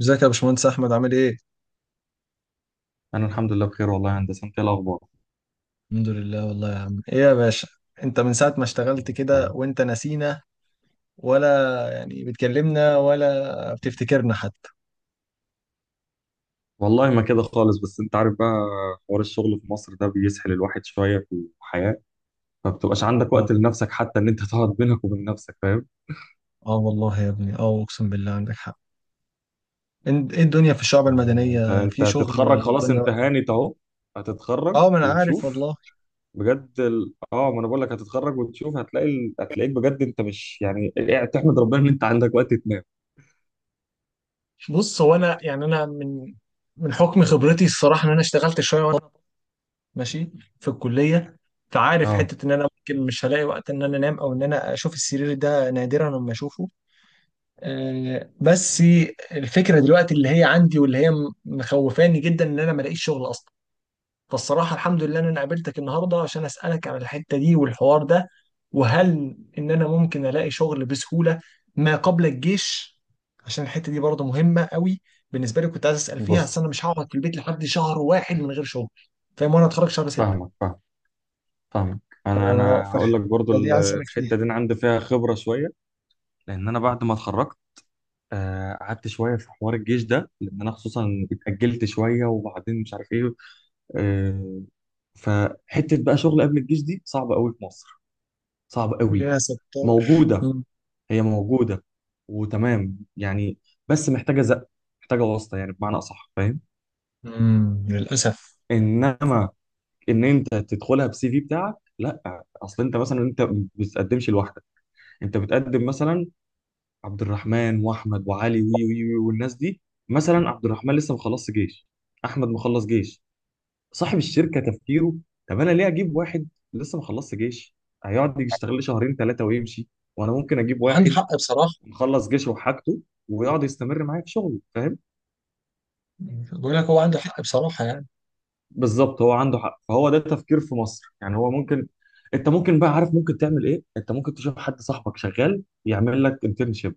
ازيك يا باشمهندس احمد، عامل ايه؟ انا الحمد لله بخير، والله يا هندسه. انت إيه الاخبار؟ الحمد لله والله يا عم، ايه يا باشا؟ انت من ساعة ما اشتغلت كده تمام. وانت نسينا، ولا يعني بتكلمنا، ولا بتفتكرنا حتى؟ والله ما كده خالص، بس انت عارف بقى، حوار الشغل في مصر ده بيسحل الواحد شويه في الحياه. ما بتبقاش عندك اه وقت لنفسك حتى ان انت تقعد بينك وبين نفسك، فاهم؟ اه والله يا ابني، اه اقسم بالله عندك حق. ايه الدنيا في الشعب يعني انت المدنية، انت في شغل هتتخرج، ولا خلاص الدنيا؟ انت هانت اهو، هتتخرج اه ما انا عارف وتشوف. والله. بجد ال... اه ما انا بقول لك هتتخرج وتشوف، هتلاقي هتلاقيك بجد، انت مش يعني قاعد تحمد ربنا ان انت عندك وقت تنام. بص، هو انا يعني انا من حكم خبرتي، الصراحه ان انا اشتغلت شويه وانا ماشي في الكليه، فعارف اه، حته ان انا ممكن مش هلاقي وقت ان انا انام او ان انا اشوف السرير، ده نادرا لما اشوفه. بس الفكره دلوقتي اللي هي عندي، واللي هي مخوفاني جدا، ان انا ما الاقيش شغل اصلا. فالصراحه الحمد لله ان انا قابلتك النهارده، عشان اسالك على الحته دي والحوار ده. وهل ان انا ممكن الاقي شغل بسهوله ما قبل الجيش؟ عشان الحته دي برضه مهمه قوي بالنسبه لي، كنت عايز اسال فيها، اصل بص، انا مش هقعد في البيت لحد شهر واحد من غير شغل، فاهم. وانا اتخرج شهر 6. فاهمك فاهم فاهمك. انا هقول لك برضو فالحته دي عايز اسالك الحته فيها. دي انا عندي فيها خبره شويه، لان انا بعد ما اتخرجت قعدت شويه في حوار الجيش ده، لان انا خصوصا اتاجلت شويه وبعدين مش عارف ايه. آه، فحته بقى شغل قبل الجيش دي صعبه قوي في مصر، صعبه قوي. يا ستار. موجوده، مم. هي موجوده وتمام يعني، بس محتاجه زق، محتاجه واسطه يعني بمعنى اصح، فاهم؟ مم، للأسف. انما ان انت تدخلها بسي في بتاعك لا، اصل انت مثلا انت ما بتقدمش لوحدك، انت بتقدم مثلا عبد الرحمن واحمد وعلي وي وي وي والناس دي. مثلا عبد الرحمن لسه مخلص جيش، احمد مخلص جيش، صاحب الشركه تفكيره: طب انا ليه اجيب واحد لسه مخلص جيش هيقعد يشتغل لي شهرين ثلاثه ويمشي، وانا ممكن اجيب وعندي واحد حق بصراحة. مخلص جيشه وحاجته ويقعد يستمر معايا في شغله، فاهم؟ بقول لك هو عنده حق بصراحة يعني. بالظبط هو عنده حق، فهو ده التفكير في مصر، يعني هو ممكن انت ممكن، بقى عارف ممكن تعمل ايه؟ انت ممكن تشوف حد صاحبك شغال يعمل لك انترنشيب،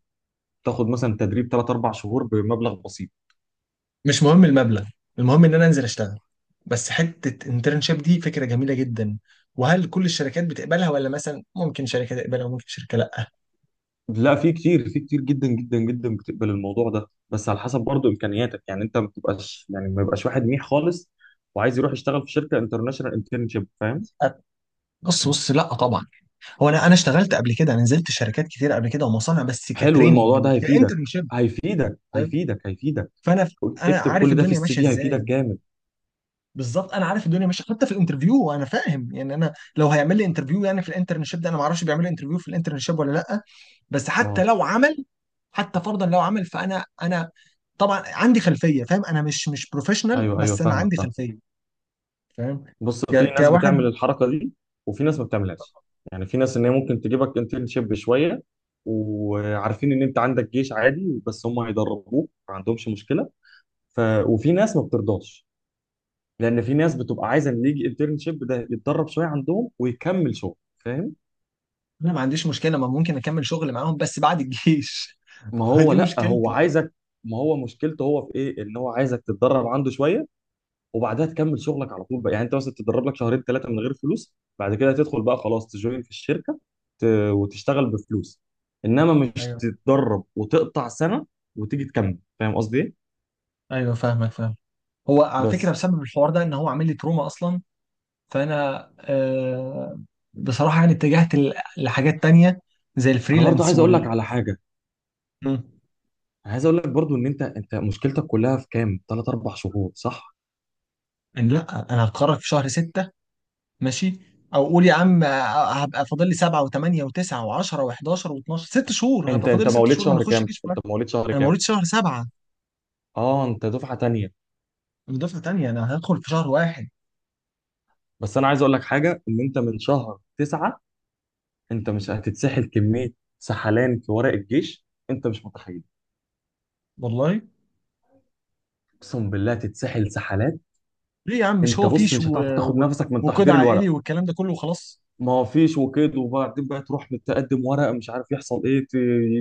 تاخد مثلا تدريب 3 4 شهور بمبلغ بسيط. مش مهم المبلغ، المهم ان انا انزل اشتغل. بس حتة انترنشيب دي فكرة جميلة جدا. وهل كل الشركات بتقبلها، ولا مثلا ممكن شركة تقبلها وممكن شركة لا؟ لا في كتير جدا جدا جدا بتقبل الموضوع ده، بس على حسب برضه امكانياتك، يعني انت ما بتبقاش يعني ما يبقاش واحد منيح خالص وعايز يروح يشتغل في شركه انترناشونال انترنشيب، فاهم؟ أ- بص بص، لا طبعا. هو انا اشتغلت قبل كده، انا نزلت شركات كتير قبل كده ومصانع، بس حلو، الموضوع ده كتريننج هيفيدك، كانترنشيب، هيفيدك فاهم. هيفيدك هيفيدك. فانا اكتب عارف كل ده في الدنيا السي ماشية في، ازاي. هيفيدك جامد. بالظبط، انا عارف الدنيا ماشيه، حتى في الانترفيو انا فاهم يعني. انا لو هيعمل لي انترفيو يعني في الانترنشيب ده، انا ما اعرفش بيعمل لي انترفيو في الانترنشيب ولا لا. بس حتى اه، لو عمل، حتى فرضا لو عمل، فانا طبعا عندي خلفيه فاهم. انا مش بروفيشنال، ايوه ايوه، بس انا فاهمك عندي فاهم. خلفيه، فاهم. بص، في ناس بتعمل كواحد. الحركه دي وفي ناس ما بتعملهاش، يعني في ناس ان هي ممكن تجيبك انترنشيب شويه وعارفين ان انت عندك جيش، عادي بس هم هيدربوك، ما عندهمش مشكله. ف... وفي ناس ما بترضاش، لان في ناس بتبقى عايزه اللي يجي انترنشيب ده يتدرب شويه عندهم ويكمل شغل، فاهم؟ انا ما عنديش مشكله، ما ممكن اكمل شغل معاهم بس بعد الجيش. ما هو دي لا، هو مشكلتي. عايزك، ما هو مشكلته هو في ايه؟ ان هو عايزك تتدرب عنده شويه وبعدها تكمل شغلك على طول بقى. يعني انت مثلا تتدرب لك شهرين ثلاثه من غير فلوس، بعد كده تدخل بقى خلاص تجوين في الشركه، ت... وتشتغل بفلوس، انما مش ايوه تتدرب وتقطع سنه وتيجي تكمل، فاهم قصدي ايه؟ ايوه، فاهمك فاهم. هو على فكره بس بسبب الحوار ده ان هو عامل لي تروما اصلا. فانا بصراحه يعني اتجهت لحاجات تانية، زي انا برضو الفريلانس عايز اقول لك وال. على حاجه، مم. انا عايز اقول لك برضو ان انت مشكلتك كلها في كام 3 4 شهور، صح؟ إن لا، انا هتخرج في شهر 6، ماشي، او قول يا عم، هبقى فاضل لي 7 و8 و9 و10 و11 و12، 6 شهور. انت هبقى فاضل انت لي ست مواليد شهور ما انا شهر اخش كام؟ جيش انت بقى. مواليد شهر انا كام؟ مواليد شهر 7، اه، انت دفعه تانية. من دفعه ثانيه، انا هدخل في شهر واحد، بس انا عايز اقول لك حاجه، ان انت من شهر 9 انت مش هتتسحل كميه، سحلان في ورق الجيش انت مش متخيل. والله. اقسم بالله تتسحل سحلات. ليه يا عم؟ مش انت هو بص فيش مش هتعرف تاخد و... نفسك من وقيد تحضير الورق، عائلي والكلام ده كله وخلاص. ما فيش وكده، وبعدين بقى تروح تقدم ورق مش عارف يحصل ايه،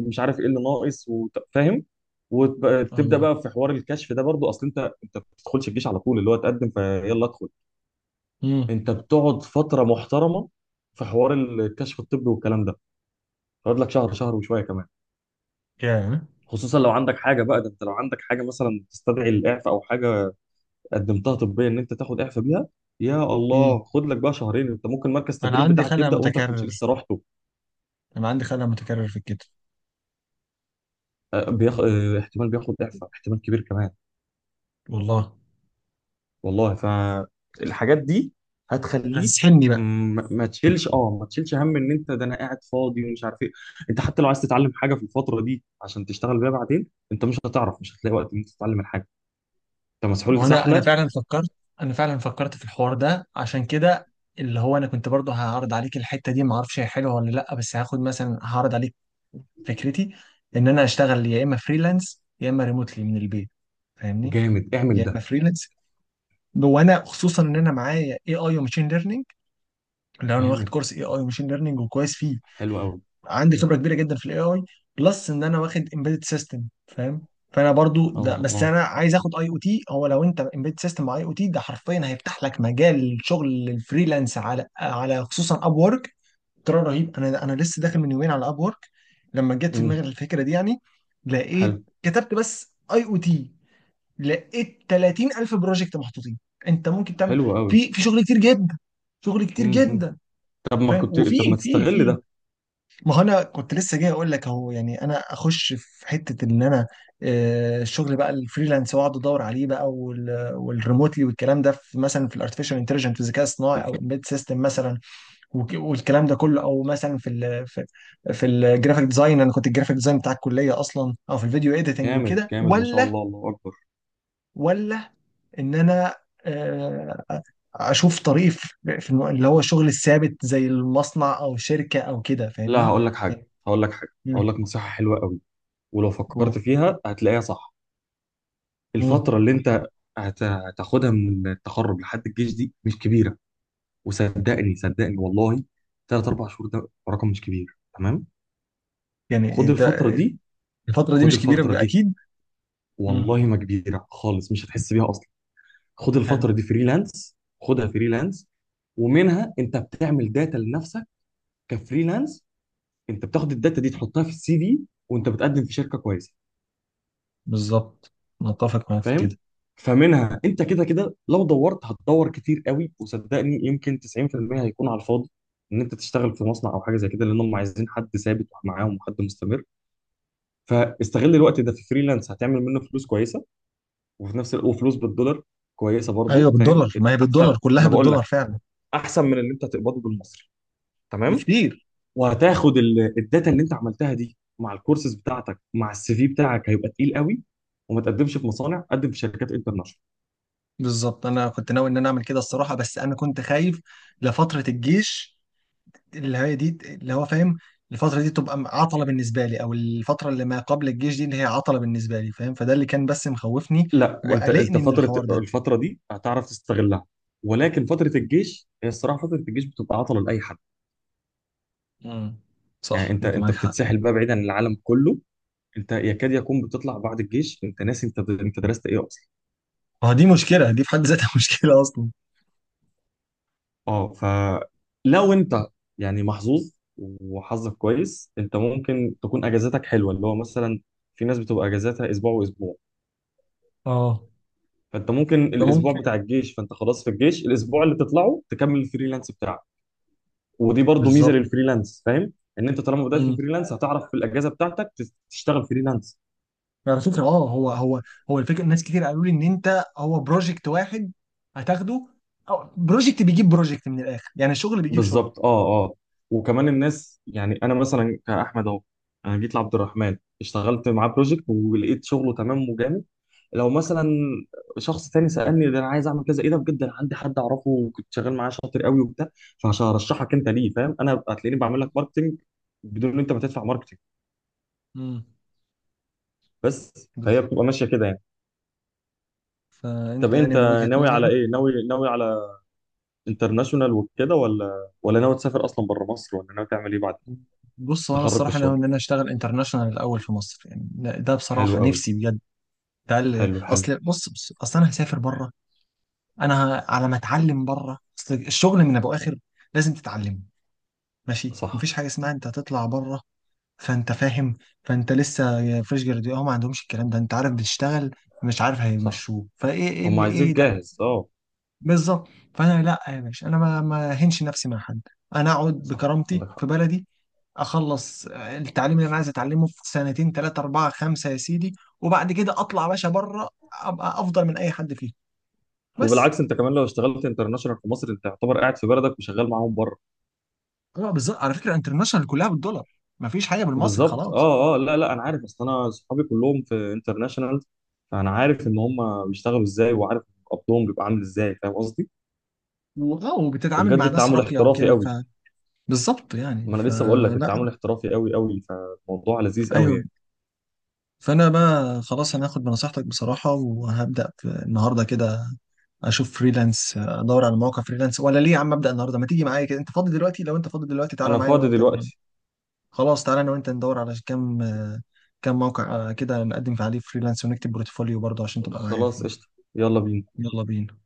مش عارف ايه اللي ناقص، فاهم؟ وتبدا بقى في حوار الكشف ده برضو، اصل انت ما بتدخلش الجيش على طول اللي هو تقدم فيلا ادخل. امم انت بتقعد فتره محترمه في حوار الكشف الطبي والكلام ده، تقعد لك شهر، شهر وشويه كمان. يا خصوصا لو عندك حاجه بقى، ده انت لو عندك حاجه مثلا تستدعي الاعفاء او حاجه قدمتها طبيا ان انت تاخد اعفاء بيها، يا امم الله خد لك بقى شهرين. انت ممكن مركز انا التدريب عندي بتاعك خلع يبدا وانت كنت متكرر، لسه رحته. انا عندي خلع متكرر في الكتف، آه، بياخ... آه، احتمال بياخد اعفاء، احتمال كبير كمان. والله. والله، فالحاجات دي هتخليك. هتسحلني بقى. ما تشيلش، ما تشيلش هم، ان انت ده انا قاعد فاضي ومش عارف ايه. انت حتى لو عايز تتعلم حاجه في الفتره دي عشان تشتغل بيها بعدين، انت مش هتعرف، مش هتلاقي وقت ان انت تتعلم الحاجه، انت ما هو مسحول سحله. انا فعلا فكرت في الحوار ده عشان كده. اللي هو انا كنت برضه هعرض عليك الحته دي، ما اعرفش هي حلوه ولا لا، بس هاخد مثلا، هعرض عليك فكرتي ان انا اشتغل يا اما فريلانس يا اما ريموتلي من البيت، فاهمني؟ جامد، اعمل يا اما ده. فريلانس. وانا خصوصا ان انا معايا اي اي وماشين ليرنينج، لو انا واخد جامد، كورس اي اي وماشين ليرنينج وكويس فيه، حلو قوي. عندي خبره كبيره جدا في الاي اي. بلس ان انا واخد امبيدد سيستم، فاهم. فانا برضو ده، اه بس اه. انا عايز اخد اي او تي. هو لو انت امبيدد سيستم مع اي او تي، ده حرفيا هيفتح لك مجال شغل الفريلانس على خصوصا اب وورك. ترى رهيب. انا لسه داخل من يومين على اب وورك لما جت في دماغي امم. الفكره دي يعني. حلو لقيت كتبت بس اي او تي، لقيت 30,000 بروجكت محطوطين. انت ممكن تعمل حلو قوي. في شغل كتير جدا، شغل كتير امم. جدا، فاهم. وفي طب ما في تستغل في ده. ما هو انا كنت لسه جاي اقول لك اهو يعني. انا اخش في حته ان انا الشغل بقى، الفريلانس، واقعد ادور عليه بقى، والريموتلي والكلام ده، في مثلا في الارتفيشال انتليجنت، في الذكاء الصناعي، او امبيد سيستم مثلا، والكلام ده كله، او مثلا في الجرافيك ديزاين. انا كنت الجرافيك ديزاين بتاع الكليه اصلا، او في الفيديو ايديتنج جامد وكده، جامد، ما شاء ولا الله، الله اكبر. ولا ان انا آه، اشوف طريق في في اللي هو الشغل الثابت زي المصنع او شركه او كده، لا، فاهمني؟ هقول لك حاجه، يعني- هقول لك نصيحه حلوه قوي، ولو فكرت مم. فيها هتلاقيها صح. مم. الفترة اللي انت هتاخدها من التخرج لحد الجيش دي مش كبيرة، وصدقني صدقني والله، تلات أربع شهور ده رقم مش كبير، تمام. يعني خد انت، الفترة دي، الفترة دي خد مش الفترة كبيرة دي، اكيد. مم. والله ما كبيرة خالص، مش هتحس بيها أصلا. خد حلو. الفترة دي فريلانس، خدها فريلانس. ومنها انت بتعمل داتا لنفسك كفريلانس، انت بتاخد الداتا دي تحطها في السي في وانت بتقدم في شركة كويسة، بالظبط، متفق معاك في كده. فاهم؟ فمنها انت كده كده لو دورت هتدور كتير قوي، وصدقني يمكن 90% هيكون على الفاضي ان انت تشتغل في مصنع او حاجه زي كده، لان هم عايزين حد ثابت معاهم وحد مستمر. فاستغل الوقت ده في فريلانس، هتعمل منه فلوس كويسه، وفي نفس الوقت وفلوس بالدولار كويسه برضو، ايوه فاهم؟ بالدولار، ما هي احسن بالدولار، ما كلها انا بقول بالدولار لك، فعلا. احسن من اللي انت هتقبضه بالمصري، تمام. بكتير. وهتاخد الداتا اللي انت عملتها دي مع الكورسز بتاعتك مع السي في بتاعك هيبقى تقيل قوي، وما تقدمش في مصانع، قدم في شركات انترناشونال. بالظبط، انا كنت ناوي ان انا اعمل كده الصراحه، بس انا كنت خايف لفتره الجيش، اللي هي دي، اللي هو فاهم، الفتره دي تبقى عطله بالنسبه لي، او الفتره اللي ما قبل الجيش دي اللي هي عطله بالنسبه لي، فاهم. فده اللي كان بس مخوفني لا انت انت وقلقني من فتره الحوار ده. الفتره دي هتعرف تستغلها، ولكن فتره الجيش هي الصراحه، فتره الجيش بتبقى عطله لاي حد. امم يعني صح، انت انت انت معاك حق. بتتسحل بقى، بعيد عن العالم كله، انت يكاد يكون بتطلع بعد الجيش انت ناسي انت درست ايه اصلا. ما هو دي مشكله، دي في حد ذاتها مشكله اصلا. اه، فلو انت يعني محظوظ وحظك كويس، انت ممكن تكون اجازاتك حلوه، اللي هو مثلا في ناس بتبقى اجازاتها اسبوع واسبوع، اه فانت ممكن الاسبوع بتاع الجيش، فانت خلاص في الجيش الاسبوع اللي تطلعه تكمل الفريلانس بتاعك. ودي برضو ميزه بالظبط. للفريلانس، فاهم؟ ان انت طالما بدات في مم. فريلانس هتعرف في الاجازه بتاعتك تشتغل فريلانس. على فكره، اه هو الفكره، ناس كتير قالوا لي ان انت، هو بروجكت واحد هتاخده، او بروجكت بيجيب بروجكت من الاخر، يعني الشغل بيجيب شغل. بالظبط، اه اه. وكمان الناس يعني، انا مثلا كاحمد اهو، انا جيت لعبد الرحمن اشتغلت معاه بروجكت ولقيت شغله تمام وجامد. لو مثلا شخص تاني سالني، ده انا عايز اعمل كذا ايه ده؟ بجد انا عندي حد اعرفه وكنت شغال معاه، شاطر قوي وبتاع، فعشان ارشحك انت ليه، فاهم؟ انا هتلاقيني بعمل لك ماركتنج بدون ان انت ما تدفع ماركتنج. امم. بس فهي بالظبط. بتبقى ماشيه كده يعني. فانت طب يعني انت من وجهه ناوي على نظرك. ايه؟ ناوي ناوي على انترناشونال وكده، ولا ناوي تسافر اصلا بره مصر، ولا ناوي تعمل ايه بعد بص هو انا التخرج في الصراحه ناوي الشغل؟ ان انا اشتغل انترناشونال الاول في مصر، يعني ده حلو بصراحه قوي. نفسي بجد. حلو حلو. اصل بص بص، اصل انا هسافر بره. انا على ما اتعلم بره، اصل الشغل من ابو اخر لازم تتعلم ماشي، صح مفيش حاجه اسمها انت هتطلع بره، فانت فاهم. فانت لسه فريش جراديوت، اه ما عندهمش الكلام ده، انت عارف بتشتغل، مش عارف صح. هيمشوه فايه، ايه هم اللي عايزينك ايه ده. جاهز، اه. بالظبط. فانا لا يا باشا، انا ما هنش نفسي مع حد. انا اقعد صح، عندك بكرامتي حق. في بلدي، اخلص التعليم اللي انا عايز اتعلمه في سنتين 3 4 5 يا سيدي، وبعد كده اطلع يا باشا بره، ابقى افضل من اي حد فيهم، بس. وبالعكس انت كمان لو اشتغلت انترناشونال في مصر، انت يعتبر قاعد في بلدك وشغال معاهم بره. اه بالظبط، على فكره انترناشونال كلها بالدولار، ما فيش حاجه بالمصري بالظبط خلاص. اه اه، لا لا انا عارف، اصل انا صحابي كلهم في انترناشونال، فانا عارف ان هم بيشتغلوا ازاي وعارف قبضهم بيبقى عامل ازاي، فاهم قصدي؟ واه، وبتتعامل وبجد مع ناس التعامل راقيه احترافي وكده. قوي. فبالظبط يعني، ما انا لسه بقول لك، فلا. التعامل احترافي قوي قوي، فالموضوع لذيذ قوي ايوه. يعني. فانا بقى خلاص، انا هاخد بنصيحتك بصراحه، وهبدا في النهارده كده، اشوف فريلانس، ادور على مواقع فريلانس. ولا ليه يا عم، ابدا النهارده، ما تيجي معايا كده؟ انت فاضي دلوقتي؟ لو انت فاضي دلوقتي تعالى انا معانا، فاضي وانت دلوقتي. خلاص تعالى، انا وانت ندور على كام موقع، كده نقدم في عليه فريلانس، ونكتب بورتفوليو برضه عشان تبقى معايا خلاص، فيه. قشطة. يلا بينا. يلا بينا.